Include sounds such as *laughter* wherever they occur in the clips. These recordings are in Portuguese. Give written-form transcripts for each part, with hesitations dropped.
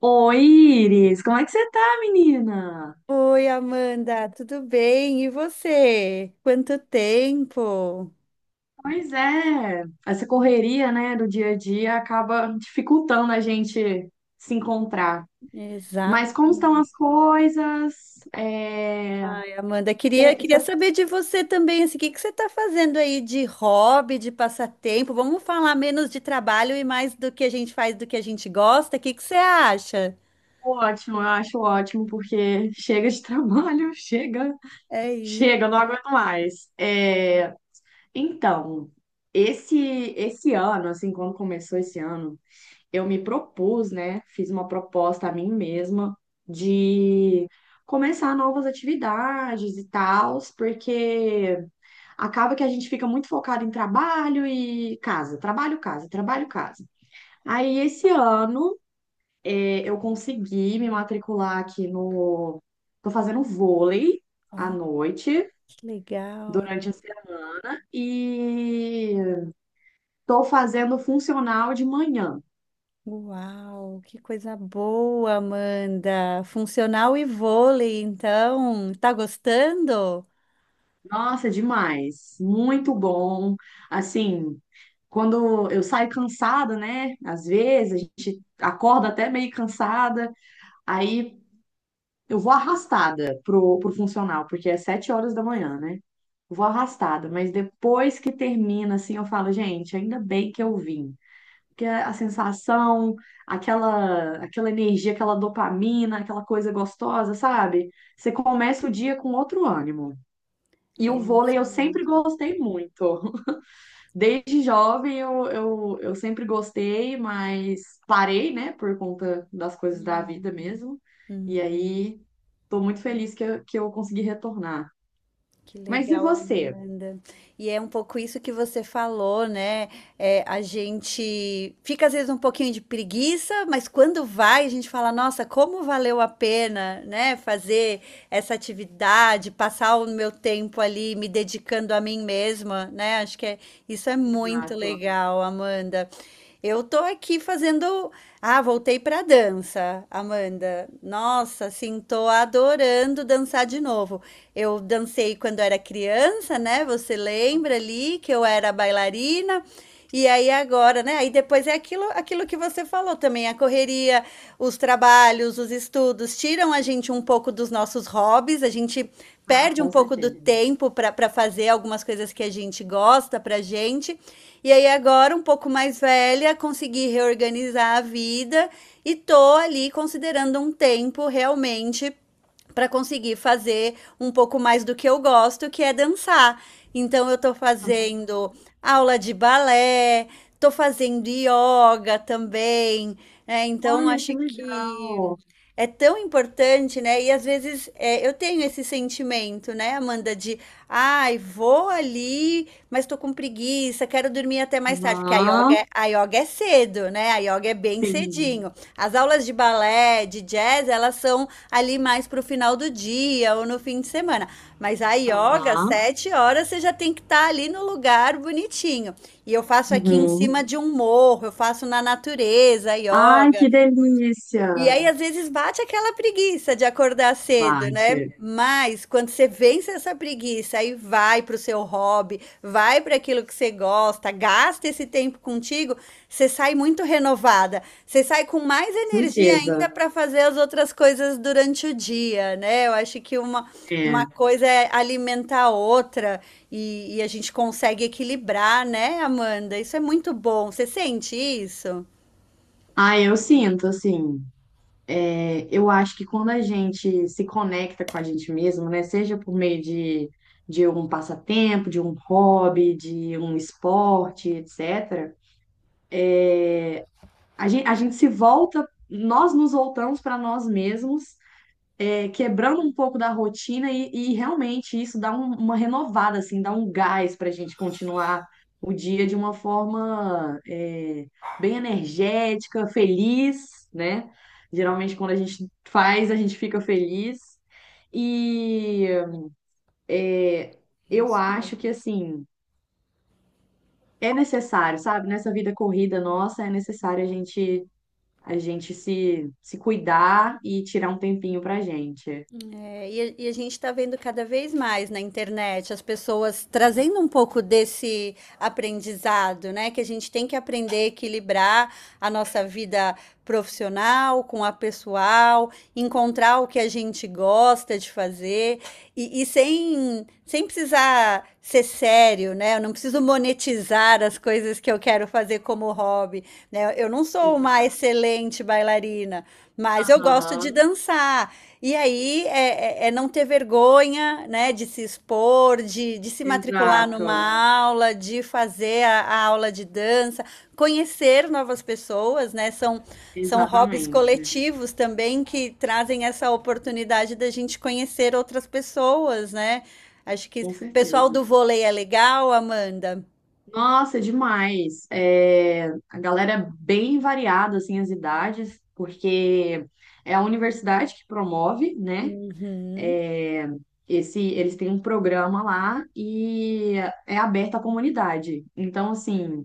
Oi, Iris, como é que você tá, menina? Oi, Amanda, tudo bem? E você? Quanto tempo? Pois é, essa correria, né, do dia a dia acaba dificultando a gente se encontrar. Mas como estão Exatamente. as coisas? É... Ai, Amanda, queria, Cê, cê... queria tá saber de você também, assim, o que que você está fazendo aí de hobby, de passatempo? Vamos falar menos de trabalho e mais do que a gente faz, do que a gente gosta? O que que você acha? ótimo, eu acho ótimo, porque *laughs* chega de trabalho, *laughs* chega, É isso. chega, eu não aguento mais. Então, esse, esse ano, assim, quando começou esse ano, eu me propus, né? Fiz uma proposta a mim mesma de começar novas atividades e tals, porque acaba que a gente fica muito focado em trabalho e casa, trabalho, casa, trabalho, casa. Aí esse ano eu consegui me matricular aqui no. Tô fazendo vôlei à Oh, noite, que legal. durante a semana, e tô fazendo funcional de manhã. Uau, que coisa boa, Amanda. Funcional e vôlei, então. Tá gostando? Nossa, é demais. Muito bom. Assim, quando eu saio cansada, né? Às vezes a gente acorda até meio cansada, aí eu vou arrastada pro funcional, porque é 7 horas da manhã, né? Eu vou arrastada, mas depois que termina, assim, eu falo, gente, ainda bem que eu vim. Porque a sensação, aquela energia, aquela dopamina, aquela coisa gostosa, sabe? Você começa o dia com outro ânimo. E o É vôlei isso eu sempre mesmo. gostei muito. Desde jovem eu sempre gostei, mas parei, né, por conta das coisas da Uhum. vida mesmo. E Hum. aí tô muito feliz que eu consegui retornar. Que Mas e legal, você? Amanda. E é um pouco isso que você falou, né? É, a gente fica às vezes um pouquinho de preguiça, mas quando vai, a gente fala, nossa, como valeu a pena, né? Fazer essa atividade, passar o meu tempo ali me dedicando a mim mesma, né? Acho isso é muito Exato. legal, Amanda. Eu tô aqui fazendo. Ah, voltei pra dança, Amanda. Nossa, assim, tô adorando dançar de novo. Eu dancei quando era criança, né? Você lembra ali que eu era bailarina? E aí agora, né? Aí depois é aquilo, aquilo que você falou também, a correria, os trabalhos, os estudos tiram a gente um pouco dos nossos hobbies, a gente Ah, perde um com pouco do certeza. tempo para fazer algumas coisas que a gente gosta pra gente. E aí agora, um pouco mais velha, consegui reorganizar a vida e tô ali considerando um tempo realmente para conseguir fazer um pouco mais do que eu gosto, que é dançar. Então eu tô fazendo aula de balé, tô fazendo yoga também, né, então Olha, acho que que legal. é tão importante, né? E às vezes eu tenho esse sentimento, né, Amanda, de ai, vou ali, mas tô com preguiça, quero dormir até mais tarde, porque a yoga, Aham, a yoga é cedo, né? A yoga é bem sim. cedinho. As aulas de balé, de jazz, elas são ali mais pro final do dia ou no fim de semana. Mas a yoga, Aham. 7 horas, você já tem que estar ali no lugar bonitinho. E eu faço aqui em Uhum. cima de um morro, eu faço na natureza, Ai, yoga. que delícia. E aí, às vezes, bate aquela preguiça de acordar cedo, né? Bate, Mas quando você vence essa preguiça, aí vai para o seu hobby, vai para aquilo que você gosta, gasta esse tempo contigo, você sai muito renovada. Você sai com mais energia ainda certeza. para fazer as outras coisas durante o dia, né? Eu acho que uma É. coisa é alimentar a outra e a gente consegue equilibrar, né, Amanda? Isso é muito bom. Você sente isso? Ah, eu sinto, assim. É, eu acho que quando a gente se conecta com a gente mesmo, né, seja por meio de um passatempo, de um hobby, de um esporte, etc., a gente se volta, nós nos voltamos para nós mesmos quebrando um pouco da rotina e realmente isso dá uma renovada, assim, dá um gás para a gente continuar o dia de uma forma bem energética, feliz, né? Geralmente quando a gente faz, a gente fica feliz. E é, É eu isso. acho que assim é necessário, sabe? Nessa vida corrida nossa é necessário a gente se cuidar e tirar um tempinho pra gente. É, e a gente está vendo cada vez mais na internet as pessoas trazendo um pouco desse aprendizado, né? Que a gente tem que aprender a equilibrar a nossa vida profissional com a pessoal, encontrar o que a gente gosta de fazer e sem precisar ser sério, né? Eu não preciso monetizar as coisas que eu quero fazer como hobby, né? Eu não sou uma Exato. excelente bailarina, mas eu gosto de dançar. E aí é não ter vergonha, né, de se expor, de se matricular Exato, numa aula, de fazer a aula de dança, conhecer novas pessoas, né? São, são hobbies exatamente, coletivos também que trazem essa oportunidade da gente conhecer outras pessoas, né? Acho que o com pessoal certeza. do vôlei é legal, Amanda. Nossa, é demais. É, a galera é bem variada, assim, as idades, porque é a universidade que promove, né? Uhum. É, eles têm um programa lá e é aberto à comunidade. Então, assim,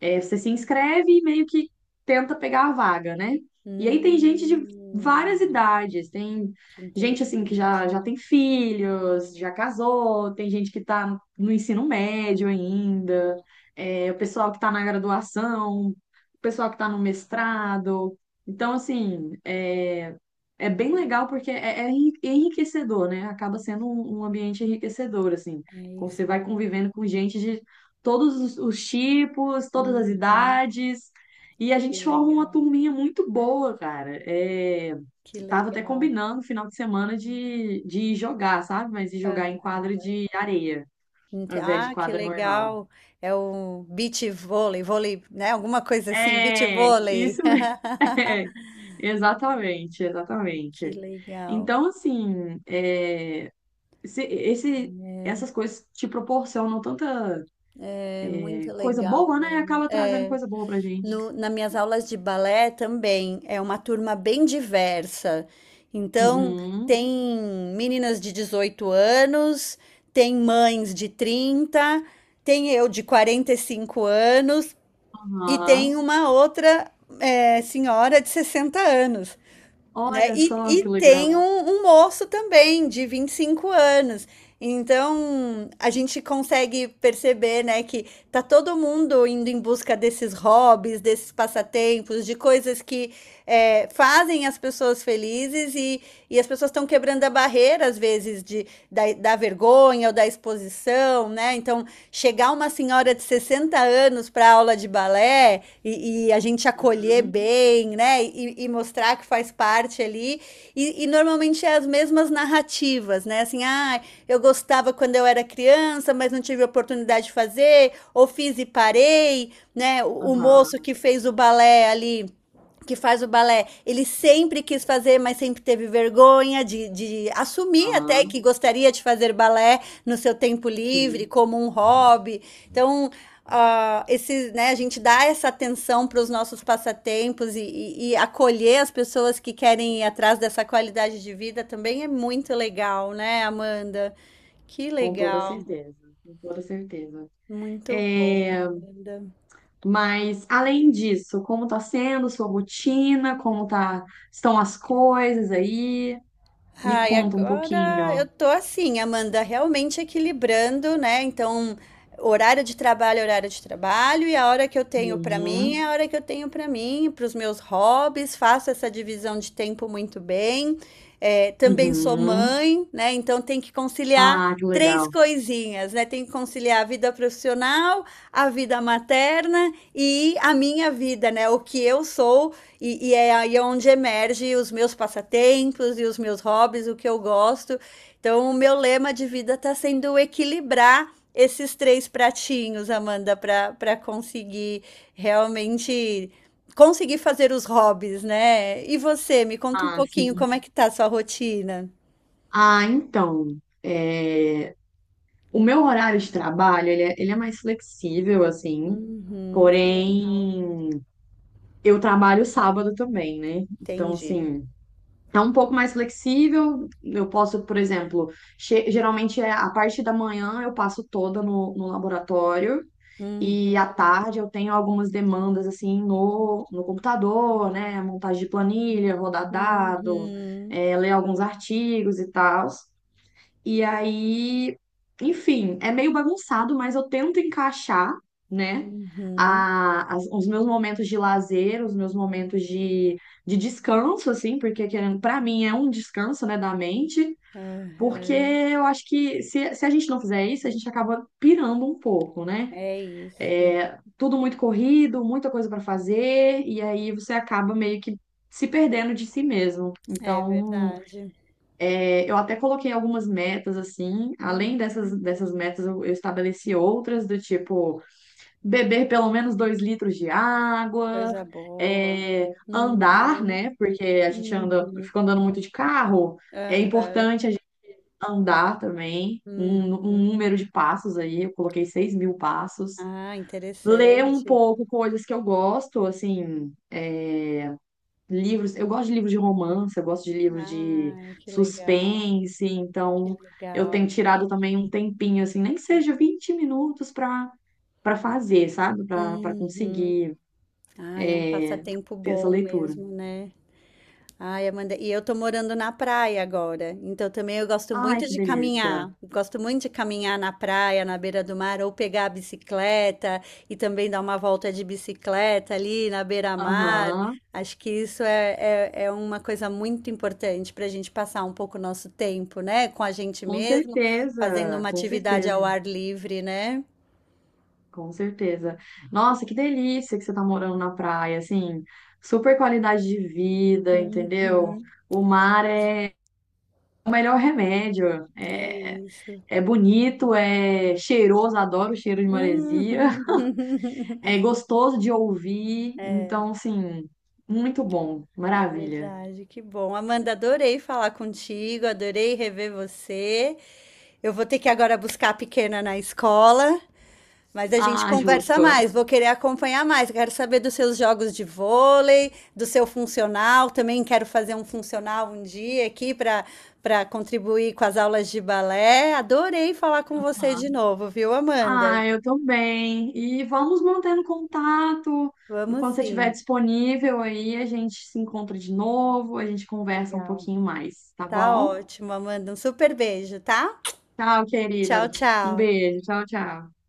é, você se inscreve e meio que tenta pegar a vaga, né? E aí tem gente de Hum, várias idades, tem que gente assim que interessante. Já tem filhos, já casou, tem gente que tá no ensino médio ainda, é, o pessoal que tá na graduação, o pessoal que tá no mestrado. Então, assim, é bem legal porque é enriquecedor, né? Acaba sendo um ambiente enriquecedor, assim. É Você isso vai convivendo mesmo. com gente de todos os tipos, todas as Uhum, idades. E a que gente forma uma legal. turminha muito boa, cara. É, Que tava até legal. combinando final de semana de ir jogar, sabe? Mas de Hã. jogar em quadra de areia, Ente ao invés de ah, que quadra normal. legal. É o vôlei, né, alguma coisa assim, beach É, vôlei. isso mesmo. *laughs* *laughs* É, exatamente, Que exatamente. legal. Então, assim, é, se- esse, essas coisas te proporcionam tanta É muito coisa legal boa, né? mesmo. Acaba trazendo É, coisa boa pra gente. no na minhas aulas de balé também, é uma turma bem diversa. Então, uhum, Uhum. tem meninas de 18 anos, tem mães de 30, tem eu de 45 anos, e tem Aham. uma outra senhora de 60 anos, né? Olha E, só e que legal. tem um moço também de 25 anos. Então, a gente consegue perceber, né, que tá todo mundo indo em busca desses hobbies, desses passatempos, de coisas que fazem as pessoas felizes e as pessoas estão quebrando a barreira, às vezes, da vergonha ou da exposição, né? Então, chegar uma senhora de 60 anos para aula de balé e a gente acolher Uhum. bem, né? E mostrar que faz parte ali. E normalmente é as mesmas narrativas, né? Assim, ah, eu gostava quando eu era criança, mas não tive oportunidade de fazer, ou fiz e parei, né? O moço Aham. que fez o balé ali que faz o balé, ele sempre quis fazer, mas sempre teve vergonha de assumir até Aham. que gostaria de fazer balé no seu tempo livre, Sim, como um hobby. Então, esse, né, a gente dá essa atenção para os nossos passatempos e acolher as pessoas que querem ir atrás dessa qualidade de vida também é muito legal, né, Amanda? Que com toda legal. certeza. Com toda certeza. Muito bom, É, Amanda. mas além disso, como tá sendo sua rotina? Como tá, estão as coisas aí? Me Ai, conta um agora pouquinho. eu tô assim, Amanda, realmente equilibrando, né? Então, horário de trabalho, é horário de trabalho, e a hora que eu tenho pra mim Uhum. é a hora que eu tenho pra mim, para os meus hobbies, faço essa divisão de tempo muito bem. É, também sou Uhum. mãe, né? Então tem que conciliar Ah, que três legal. coisinhas, né? Tem que conciliar a vida profissional, a vida materna e a minha vida, né? O que eu sou e é aí onde emerge os meus passatempos e os meus hobbies, o que eu gosto. Então, o meu lema de vida está sendo equilibrar esses três pratinhos, Amanda, para conseguir realmente conseguir fazer os hobbies, né? E você, me conta um Ah, pouquinho sim. como é que tá a sua rotina? Ah, então, é, o meu horário de trabalho, ele é mais flexível, assim. Uhum, que legal. Porém, eu trabalho sábado também, né? Então, Entendi. assim, é um pouco mais flexível. Eu posso, por exemplo, geralmente é a parte da manhã eu passo toda no laboratório Uhum, e à tarde eu tenho algumas demandas, assim, no computador, né? Montagem de planilha, rodar dado, uhum, ler alguns artigos e tal. E aí, enfim, é meio bagunçado, mas eu tento encaixar, né? uhum, Os meus momentos de lazer, os meus momentos de descanso, assim, porque querendo, para mim é um descanso, né, da mente, porque aham. eu acho que se a gente não fizer isso, a gente acaba pirando um pouco, né? É isso. É, tudo muito corrido, muita coisa para fazer, e aí você acaba meio que se perdendo de si mesmo. É Então. verdade. Eu até coloquei algumas metas assim, além Hum, dessas metas, eu estabeleci outras do tipo beber pelo menos 2 litros de água, coisa boa. é, andar, Uhum, né? Porque a gente anda, uhum, fica andando muito de carro, é aham, importante a gente andar também, hum. Um número de passos aí, eu coloquei 6 mil passos, Ah, ler um interessante. pouco coisas que eu gosto, assim livros. Eu gosto de livros de romance, eu gosto de livros de Ai, que legal, suspense, que então eu legal. tenho tirado também um tempinho, assim, nem que seja 20 minutos para fazer, sabe? Para Uhum. conseguir Ah, é um é, passatempo ter essa bom leitura. mesmo, né? Ai, Amanda, e eu tô morando na praia agora, então também eu gosto Ai, muito que de delícia! caminhar. Gosto muito de caminhar na praia, na beira do mar, ou pegar a bicicleta e também dar uma volta de bicicleta ali na beira-mar. Aham, Acho que isso é uma coisa muito importante para a gente passar um pouco o nosso tempo, né? Com a gente com mesmo, fazendo certeza, uma com atividade certeza, ao ar livre, né? com certeza. Nossa, que delícia que você tá morando na praia, assim, super qualidade de vida, entendeu? Uhum, O mar é o melhor remédio. é, é isso. É bonito, é cheiroso, adoro o cheiro de maresia. Uhum. *laughs* É gostoso de ouvir, então, assim, muito bom, É maravilha. verdade, que bom. Amanda, adorei falar contigo, adorei rever você. Eu vou ter que agora buscar a pequena na escola, mas a gente Ah, Ju, conversa gostou. mais. Vou querer acompanhar mais. Quero saber dos seus jogos de vôlei, do seu funcional. Também quero fazer um funcional um dia aqui para contribuir com as aulas de balé. Adorei falar com você de novo, viu, Ah, Amanda? eu também. E vamos mantendo contato. Vamos Quando você estiver sim. disponível aí, a gente se encontra de novo, a gente conversa um Legal. pouquinho mais, tá Tá bom? ótimo, Amanda. Um super beijo, tá? Tchau, querida. Tchau, Um tchau. beijo. Tchau, tchau.